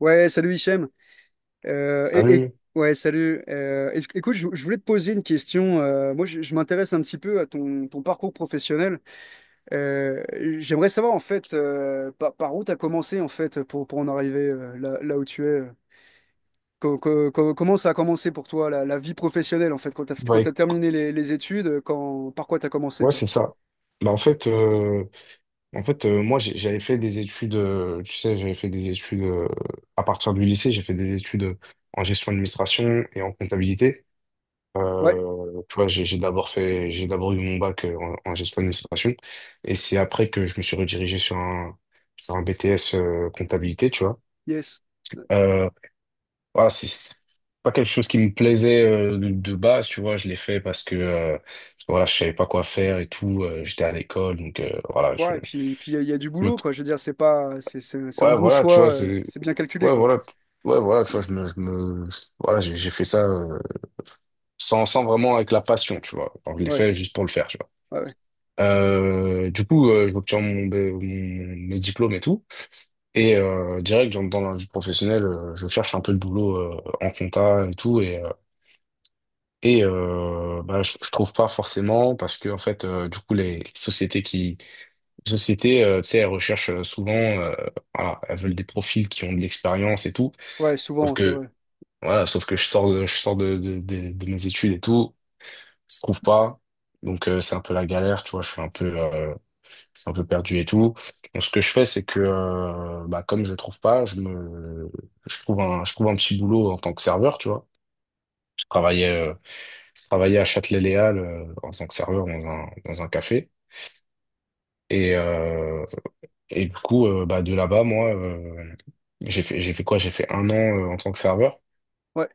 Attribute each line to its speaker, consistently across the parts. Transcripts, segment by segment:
Speaker 1: Ouais, salut Hichem. Euh, et, et-
Speaker 2: Salut.
Speaker 1: ouais, salut. Écoute, je voulais te poser une question. Moi, je m'intéresse un petit peu à ton parcours professionnel. Euh, J'aimerais savoir en fait par où tu as commencé en fait pour en arriver là où tu es. Comment ça a commencé pour toi la vie professionnelle en fait
Speaker 2: Bah,
Speaker 1: quand t'as terminé les études, quand, par quoi tu as commencé
Speaker 2: ouais,
Speaker 1: quoi?
Speaker 2: c'est ça. Bah, en fait, moi, j'avais fait des études, tu sais, j'avais fait des études à partir du lycée, j'ai fait des études en gestion d'administration et en comptabilité.
Speaker 1: Ouais,
Speaker 2: Tu vois, j'ai d'abord eu mon bac en gestion d'administration, et c'est après que je me suis redirigé sur un BTS comptabilité, tu vois.
Speaker 1: yes.
Speaker 2: Euh, Voilà, c'est pas quelque chose qui me plaisait, de base, tu vois. Je l'ai fait parce que, voilà, je savais pas quoi faire et tout. J'étais à l'école, donc voilà,
Speaker 1: Ouais, et puis il y a du
Speaker 2: je me,
Speaker 1: boulot quoi. Je veux dire, c'est pas, c'est un
Speaker 2: ouais,
Speaker 1: bon
Speaker 2: voilà, tu vois,
Speaker 1: choix, c'est bien calculé
Speaker 2: ouais,
Speaker 1: quoi.
Speaker 2: voilà, ouais, voilà, tu vois, voilà, j'ai fait ça, sans vraiment avec la passion, tu vois. Enfin, je l'ai
Speaker 1: Ouais,
Speaker 2: fait juste pour le faire, tu vois.
Speaker 1: ouais, ouais.
Speaker 2: J'obtiens mes diplômes et tout, et direct, j'entre dans la vie professionnelle. Je cherche un peu de boulot en compta et tout, bah, je trouve pas forcément parce que, en fait, du coup, les sociétés, tu sais, elles recherchent souvent, voilà, elles veulent des profils qui ont de l'expérience et tout,
Speaker 1: Ouais,
Speaker 2: sauf
Speaker 1: souvent, c'est
Speaker 2: que
Speaker 1: vrai.
Speaker 2: voilà, sauf que je sors de mes études et tout, je trouve pas. Donc c'est un peu la galère, tu vois, je suis un peu, perdu et tout. Donc ce que je fais, c'est que, bah, comme je trouve pas, je trouve un petit boulot en tant que serveur, tu vois. je travaillais euh, Je travaillais à Châtelet-Léal, en tant que serveur, dans dans un café. Et, euh, et du coup, bah, de là-bas, moi, j'ai fait quoi? J'ai fait un an, en tant que serveur.
Speaker 1: Ouais.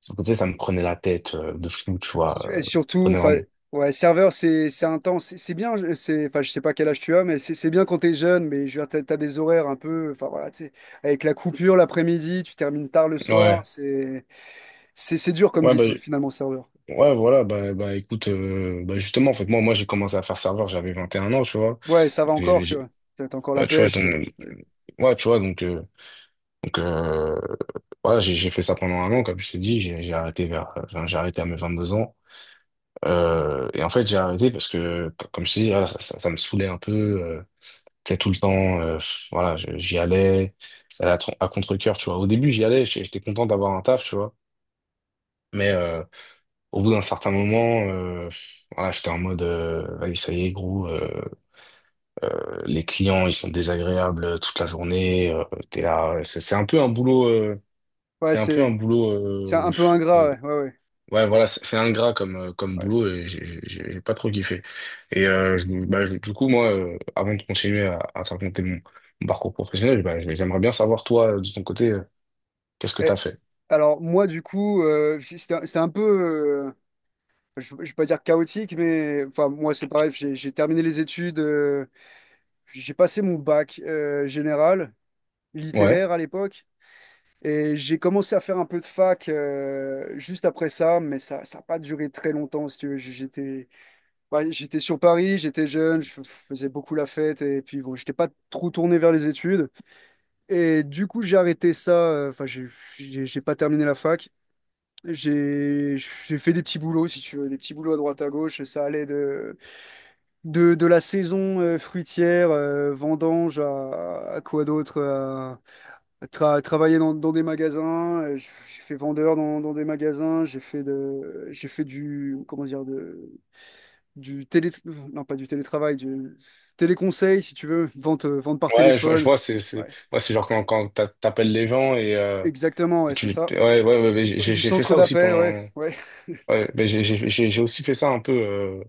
Speaker 2: Sauf que, tu sais, ça me prenait la tête, de fou, tu vois.
Speaker 1: Et
Speaker 2: Ça me
Speaker 1: surtout,
Speaker 2: prenait
Speaker 1: enfin,
Speaker 2: vraiment.
Speaker 1: ouais, serveur, c'est intense. C'est bien, c'est, enfin, je sais pas quel âge tu as, mais c'est bien quand t'es jeune, mais je veux dire, t'as des horaires un peu, enfin voilà, tu sais, avec la coupure l'après-midi, tu termines tard le soir,
Speaker 2: Ouais,
Speaker 1: c'est c'est dur comme
Speaker 2: ouais,
Speaker 1: ville,
Speaker 2: bah,
Speaker 1: quoi, finalement, serveur.
Speaker 2: ouais, voilà, bah écoute, bah, justement, en fait, moi j'ai commencé à faire serveur, j'avais 21 ans, tu vois.
Speaker 1: Ouais, ça va
Speaker 2: J'ai-
Speaker 1: encore, tu
Speaker 2: j'ai-
Speaker 1: vois. T'as encore la
Speaker 2: Ouais, tu vois,
Speaker 1: pêche.
Speaker 2: donc,
Speaker 1: Ouais,
Speaker 2: ouais, tu vois, donc, euh, donc euh, voilà, j'ai fait ça pendant un an, comme je t'ai dit, j'ai arrêté à mes 22 ans. Et en fait, j'ai arrêté parce que, comme je te dis, voilà, ça me saoulait un peu. Euh, Tu sais, tout le temps, voilà, j'y allais, ça allait à contre-cœur, tu vois. Au début, j'y allais, j'étais content d'avoir un taf, tu vois. Mais au bout d'un certain moment, voilà, j'étais en mode, vas ça y est, gros, les clients, ils sont désagréables toute la journée. T'es là, ouais, c'est un peu un boulot,
Speaker 1: ouais,
Speaker 2: c'est un peu un
Speaker 1: c'est
Speaker 2: boulot
Speaker 1: un peu ingrat, ouais, ouais, ouais.
Speaker 2: Ouais, voilà, c'est ingrat comme, comme
Speaker 1: Ouais.
Speaker 2: boulot, et j'ai pas trop kiffé. Et bah, du coup, moi, avant de continuer à te raconter mon parcours professionnel, bah, j'aimerais bien savoir, toi, de ton côté, qu'est-ce que t'as
Speaker 1: Et
Speaker 2: fait?
Speaker 1: alors, moi, du coup, c'est un c'est un peu. Je je vais pas dire chaotique, mais enfin, moi, c'est pareil, j'ai terminé les études. J'ai passé mon bac général,
Speaker 2: Ouais,
Speaker 1: littéraire à l'époque, et j'ai commencé à faire un peu de fac juste après ça, mais ça n'a pas duré très longtemps, si tu veux. J'étais, ouais, j'étais sur Paris, j'étais jeune, faisais beaucoup la fête, et puis bon, j'étais pas trop tourné vers les études. Et du coup, j'ai arrêté ça, enfin, j'ai pas terminé la fac. J'ai fait des petits boulots, si tu veux, des petits boulots à droite à gauche, ça allait de de la saison fruitière, vendange, à quoi d'autre? À, travailler dans des magasins. J'ai fait vendeur dans des magasins. J'ai fait de, j'ai fait du, comment dire, de, du télé, non pas du télétravail, du téléconseil, si tu veux, vente, vente par
Speaker 2: ouais, je
Speaker 1: téléphone.
Speaker 2: vois,
Speaker 1: Ouais,
Speaker 2: ouais, c'est genre quand, t'appelles les gens
Speaker 1: exactement, ouais, c'est ça.
Speaker 2: Ouais, ouais, ouais, ouais,
Speaker 1: Du
Speaker 2: fait
Speaker 1: centre
Speaker 2: ça aussi
Speaker 1: d'appel,
Speaker 2: pendant...
Speaker 1: ouais, ouais.
Speaker 2: Ouais, bah, j'ai aussi fait ça un peu... Euh...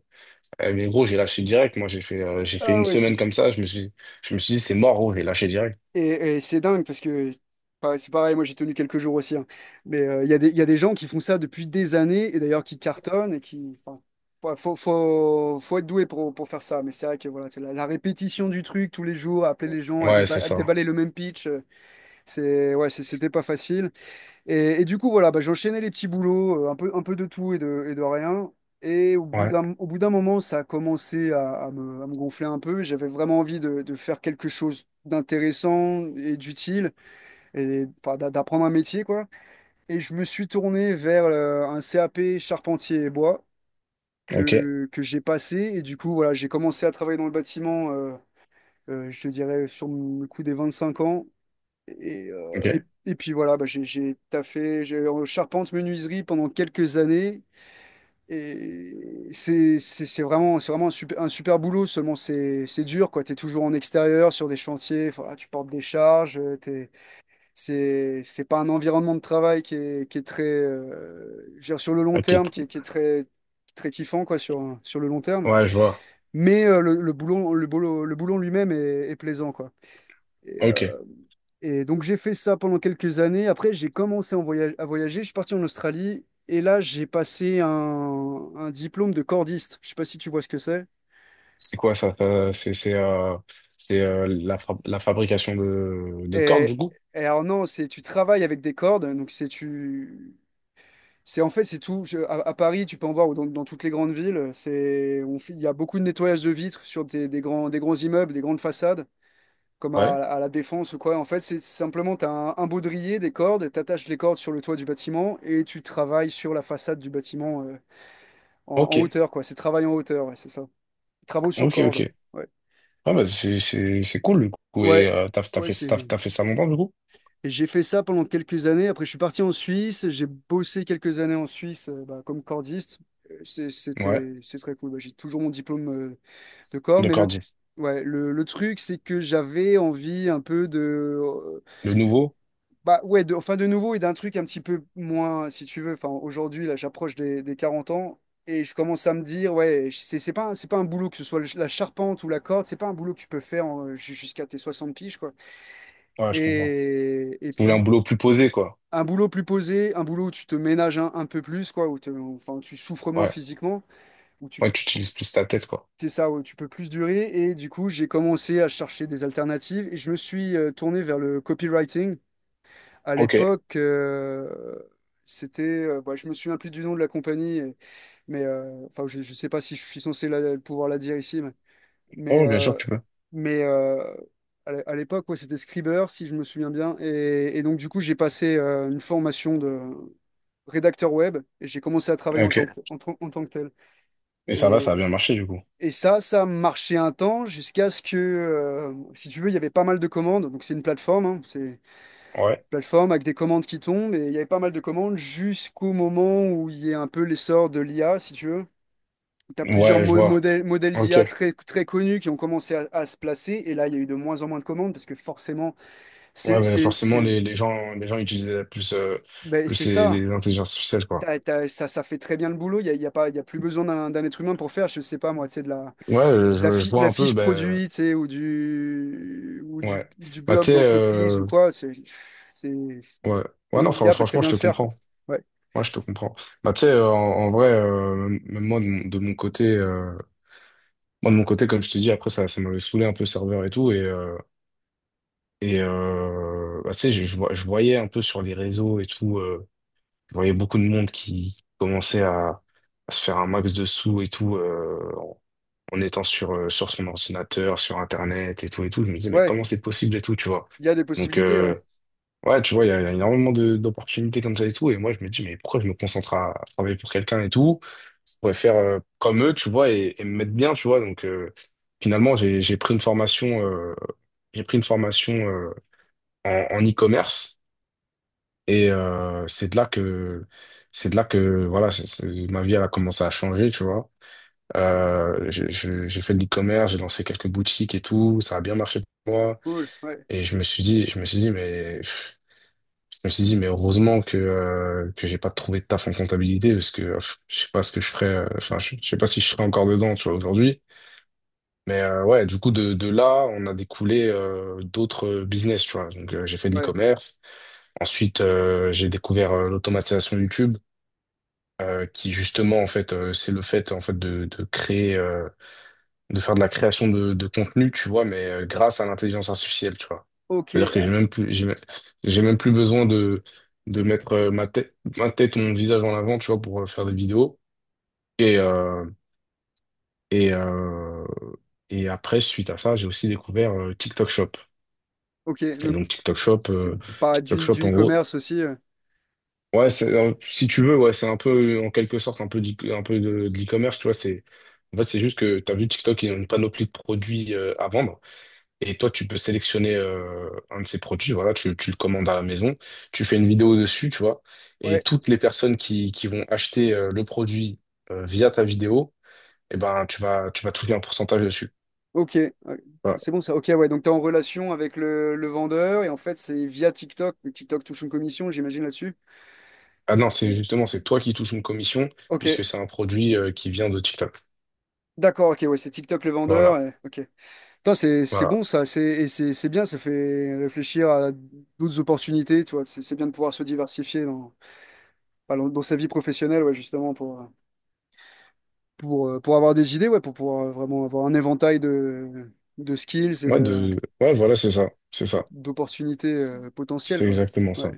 Speaker 2: eh, Mais gros, j'ai lâché direct. Moi, j'ai fait
Speaker 1: Ah
Speaker 2: une
Speaker 1: ouais, c'est
Speaker 2: semaine comme ça. Je me suis dit, c'est mort, gros, j'ai lâché direct.
Speaker 1: et c'est dingue parce que pareil, c'est pareil, moi j'ai tenu quelques jours aussi, hein. Mais il y a des, il y a des gens qui font ça depuis des années et d'ailleurs qui cartonnent et qui. Enfin, ouais, faut être doué pour faire ça. Mais c'est vrai que voilà, c'est la répétition du truc tous les jours, appeler les gens à,
Speaker 2: Ouais, c'est
Speaker 1: à
Speaker 2: ça.
Speaker 1: déballer le même pitch, c'est, ouais, c'était pas facile. Et du coup, voilà, bah, j'enchaînais les petits boulots, un peu de tout et de rien. Et
Speaker 2: Ouais,
Speaker 1: au bout d'un moment, ça a commencé à me gonfler un peu. J'avais vraiment envie de faire quelque chose d'intéressant et d'utile, et enfin, d'apprendre un métier, quoi. Et je me suis tourné vers un CAP charpentier et bois
Speaker 2: ok.
Speaker 1: que j'ai passé. Et du coup, voilà, j'ai commencé à travailler dans le bâtiment, je te dirais, sur le coup des 25 ans.
Speaker 2: Ok.
Speaker 1: Et puis voilà, bah, j'ai taffé, j'ai en charpente menuiserie pendant quelques années. Et c'est vraiment un super boulot, seulement c'est dur, quoi. Tu es toujours en extérieur, sur des chantiers, voilà, tu portes des charges, t'es, c'est pas un environnement de travail qui est très, je veux dire, sur le long
Speaker 2: Ok,
Speaker 1: terme,
Speaker 2: t-
Speaker 1: qui est très, très kiffant, quoi, sur, sur le long terme.
Speaker 2: ouais, je vois.
Speaker 1: Mais le boulot, le boulot, le boulot lui-même est, est plaisant, quoi.
Speaker 2: Ok.
Speaker 1: Et donc j'ai fait ça pendant quelques années. Après, j'ai commencé à voyager. Je suis parti en Australie et là, j'ai passé un diplôme de cordiste. Je sais pas si tu vois ce que c'est.
Speaker 2: C'est quoi ça? C'est La, la fabrication de cordes,
Speaker 1: Et,
Speaker 2: du coup?
Speaker 1: et alors non, c'est tu travailles avec des cordes. Donc c'est tu, c'est en fait c'est tout. À, à Paris, tu peux en voir ou dans, dans toutes les grandes villes. C'est, il y a beaucoup de nettoyage de vitres sur des grands immeubles, des grandes façades. Comme
Speaker 2: Ouais.
Speaker 1: à la Défense ou quoi. En fait, c'est simplement, tu as un baudrier, des cordes, tu attaches les cordes sur le toit du bâtiment et tu travailles sur la façade du bâtiment. En, en
Speaker 2: Ok,
Speaker 1: hauteur, quoi. C'est travail en hauteur, ouais, c'est ça. Travaux sur
Speaker 2: ok,
Speaker 1: corde.
Speaker 2: ok.
Speaker 1: Ouais.
Speaker 2: Ah bah c'est cool, du coup. Et
Speaker 1: Ouais. Ouais, c'est.
Speaker 2: t'as fait ça longtemps, du coup?
Speaker 1: Et j'ai fait ça pendant quelques années. Après, je suis parti en Suisse. J'ai bossé quelques années en Suisse bah, comme cordiste.
Speaker 2: Ouais,
Speaker 1: C'était, c'est très cool. Bah, j'ai toujours mon diplôme de corde.
Speaker 2: de
Speaker 1: Mais le,
Speaker 2: cordier.
Speaker 1: ouais, le truc, c'est que j'avais envie un peu de
Speaker 2: Le nouveau?
Speaker 1: Bah ouais, de, enfin de nouveau et d'un truc un petit peu moins, si tu veux. Enfin, aujourd'hui, là, j'approche des 40 ans et je commence à me dire, ouais, c'est pas, c'est pas un boulot, que ce soit la charpente ou la corde, c'est pas un boulot que tu peux faire jusqu'à tes 60 piges, quoi.
Speaker 2: Ouais, je comprends.
Speaker 1: Et
Speaker 2: Tu voulais un
Speaker 1: puis,
Speaker 2: boulot plus posé, quoi.
Speaker 1: un boulot plus posé, un boulot où tu te ménages un peu plus, quoi, enfin, tu souffres moins
Speaker 2: Ouais.
Speaker 1: physiquement, où tu,
Speaker 2: Ouais, tu
Speaker 1: tu-
Speaker 2: utilises plus ta tête, quoi.
Speaker 1: c'est ça, où tu peux plus durer. Et du coup, j'ai commencé à chercher des alternatives et je me suis tourné vers le copywriting. À
Speaker 2: Ok.
Speaker 1: l'époque, c'était, bah, je me souviens plus du nom de la compagnie, et- mais enfin, je sais pas si je suis censé pouvoir la dire ici, mais,
Speaker 2: Oh, bien sûr,
Speaker 1: euh,
Speaker 2: tu peux.
Speaker 1: mais à l'époque, ouais, c'était Scriber, si je me souviens bien, et donc du coup, j'ai passé une formation de rédacteur web et j'ai commencé à travailler
Speaker 2: Ok.
Speaker 1: en tant que tel.
Speaker 2: Et ça va, ça a
Speaker 1: Et,
Speaker 2: bien marché, du coup.
Speaker 1: et ça, ça marchait un temps jusqu'à ce que, si tu veux, il y avait pas mal de commandes, donc c'est une plateforme, hein, c'est
Speaker 2: Ouais.
Speaker 1: plateforme avec des commandes qui tombent, et il y avait pas mal de commandes jusqu'au moment où il y a un peu l'essor de l'IA, si tu veux. Tu as plusieurs
Speaker 2: Ouais, je vois.
Speaker 1: modèles, modèles
Speaker 2: Ok.
Speaker 1: d'IA très, très connus qui ont commencé à se placer, et là, il y a eu de moins en moins de commandes, parce que forcément,
Speaker 2: Ouais,
Speaker 1: c'est
Speaker 2: mais
Speaker 1: c'est-
Speaker 2: forcément,
Speaker 1: c'est-
Speaker 2: les gens utilisent
Speaker 1: ben, c'est
Speaker 2: plus
Speaker 1: ça.
Speaker 2: les intelligences artificielles, quoi.
Speaker 1: Ça, ça fait très bien le boulot, il n'y a, il y a pas, il y a plus besoin d'un être humain pour faire, je sais pas moi, tu sais, de la,
Speaker 2: Ouais,
Speaker 1: de la,
Speaker 2: je
Speaker 1: de
Speaker 2: vois
Speaker 1: la
Speaker 2: un peu,
Speaker 1: fiche
Speaker 2: ben,
Speaker 1: produit, tu sais, ou
Speaker 2: ouais.
Speaker 1: du
Speaker 2: Bah,
Speaker 1: blog
Speaker 2: tu sais,
Speaker 1: d'entreprise ou quoi, une
Speaker 2: ouais. Ouais, non,
Speaker 1: IA peut très
Speaker 2: franchement,
Speaker 1: bien
Speaker 2: je
Speaker 1: le
Speaker 2: te
Speaker 1: faire, quoi.
Speaker 2: comprends.
Speaker 1: Ouais.
Speaker 2: Moi, je te comprends. Bah, tu sais, en vrai, même moi, moi, de mon côté, comme je te dis, après, ça m'avait saoulé un peu le serveur et tout, bah, tu sais, je voyais un peu sur les réseaux et tout, je voyais beaucoup de monde qui commençait à se faire un max de sous et tout. En étant sur, sur son ordinateur, sur Internet et tout et tout. Je me disais, mais
Speaker 1: Ouais.
Speaker 2: comment c'est possible et tout, tu vois.
Speaker 1: Il y a des
Speaker 2: Donc,
Speaker 1: possibilités, ouais.
Speaker 2: ouais, tu vois, il y a énormément d'opportunités comme ça et tout. Et moi, je me dis, mais pourquoi je me concentre à travailler pour quelqu'un et tout? Je pourrais faire comme eux, tu vois, et me mettre bien, tu vois. Donc, finalement, j'ai pris une formation en e-commerce. Et c'est de là que, voilà, ma vie, elle a commencé à changer, tu vois. J'ai fait de l'e-commerce, j'ai lancé quelques boutiques et tout, ça a bien marché pour moi.
Speaker 1: Cool, ouais,
Speaker 2: Et je me suis dit, je me suis dit, mais Je me suis dit, mais heureusement que j'ai pas trouvé de taf en comptabilité, parce que je sais pas ce que je ferais. Enfin, je sais pas si je serais encore dedans, tu vois, aujourd'hui. Mais ouais, du coup, de là, on a découlé d'autres business, tu vois. Donc, j'ai fait de
Speaker 1: ouais.
Speaker 2: l'e-commerce. Ensuite, j'ai découvert l'automatisation YouTube, qui justement, en fait, c'est le fait, en fait, de créer. De faire de la création de contenu, tu vois, mais grâce à l'intelligence artificielle, tu vois.
Speaker 1: Ok,
Speaker 2: C'est-à-dire que
Speaker 1: ah,
Speaker 2: j'ai même plus besoin de mettre ma tête ou mon visage en avant, tu vois, pour faire des vidéos. Et, euh, et, euh, et après, suite à ça, j'ai aussi découvert TikTok Shop.
Speaker 1: ok.
Speaker 2: Et
Speaker 1: Donc,
Speaker 2: donc,
Speaker 1: c'est pas
Speaker 2: TikTok
Speaker 1: du,
Speaker 2: Shop,
Speaker 1: du
Speaker 2: en gros,
Speaker 1: e-commerce aussi.
Speaker 2: ouais, si tu veux, ouais, c'est un peu, en quelque sorte, un peu, un peu de l'e-commerce, tu vois. En fait, c'est juste que tu as vu TikTok, ils ont une panoplie de produits à vendre. Et toi, tu peux sélectionner un de ces produits. Voilà, tu le commandes à la maison, tu fais une vidéo dessus, tu vois, et
Speaker 1: Ouais,
Speaker 2: toutes les personnes qui vont acheter le produit, via ta vidéo, eh ben, tu vas toucher un pourcentage dessus.
Speaker 1: ok. Ouais.
Speaker 2: Voilà.
Speaker 1: C'est bon ça. Ok, ouais. Donc, tu es en relation avec le vendeur et en fait, c'est via TikTok. Mais TikTok touche une commission, j'imagine, là-dessus.
Speaker 2: Ah non, c'est
Speaker 1: Et-
Speaker 2: justement, c'est toi qui touches une commission,
Speaker 1: Ok,
Speaker 2: puisque c'est un produit qui vient de TikTok.
Speaker 1: d'accord, ok. Ouais, c'est TikTok le vendeur.
Speaker 2: Voilà,
Speaker 1: Ok. Putain, c'est
Speaker 2: voilà.
Speaker 1: bon ça. C'est et c'est c'est bien. Ça fait réfléchir à d'autres opportunités, tu vois. C'est bien de pouvoir se diversifier dans, enfin, dans dans sa vie professionnelle, ouais, justement, pour. Pour avoir des idées, ouais, pour pouvoir vraiment avoir un éventail de skills et
Speaker 2: Ouais,
Speaker 1: de,
Speaker 2: ouais, voilà, c'est ça, c'est ça.
Speaker 1: d'opportunités
Speaker 2: C'est
Speaker 1: potentielles,
Speaker 2: c'est
Speaker 1: quoi.
Speaker 2: exactement
Speaker 1: Ouais,
Speaker 2: ça.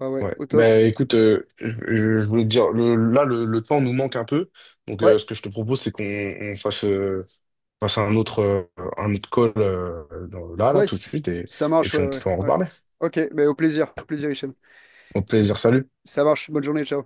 Speaker 1: ah ouais,
Speaker 2: Ouais.
Speaker 1: au top.
Speaker 2: Ben écoute, je voulais te dire, le temps nous manque un peu, donc
Speaker 1: Ouais,
Speaker 2: ce que je te propose, c'est qu'on fasse un autre, call, là
Speaker 1: ouais,
Speaker 2: tout de suite, et,
Speaker 1: ça
Speaker 2: et
Speaker 1: marche,
Speaker 2: puis
Speaker 1: ouais,
Speaker 2: on
Speaker 1: ouais,
Speaker 2: peut en
Speaker 1: ouais.
Speaker 2: reparler.
Speaker 1: Ok, mais au plaisir, Hichem.
Speaker 2: Au plaisir, salut.
Speaker 1: Ça marche, bonne journée, ciao.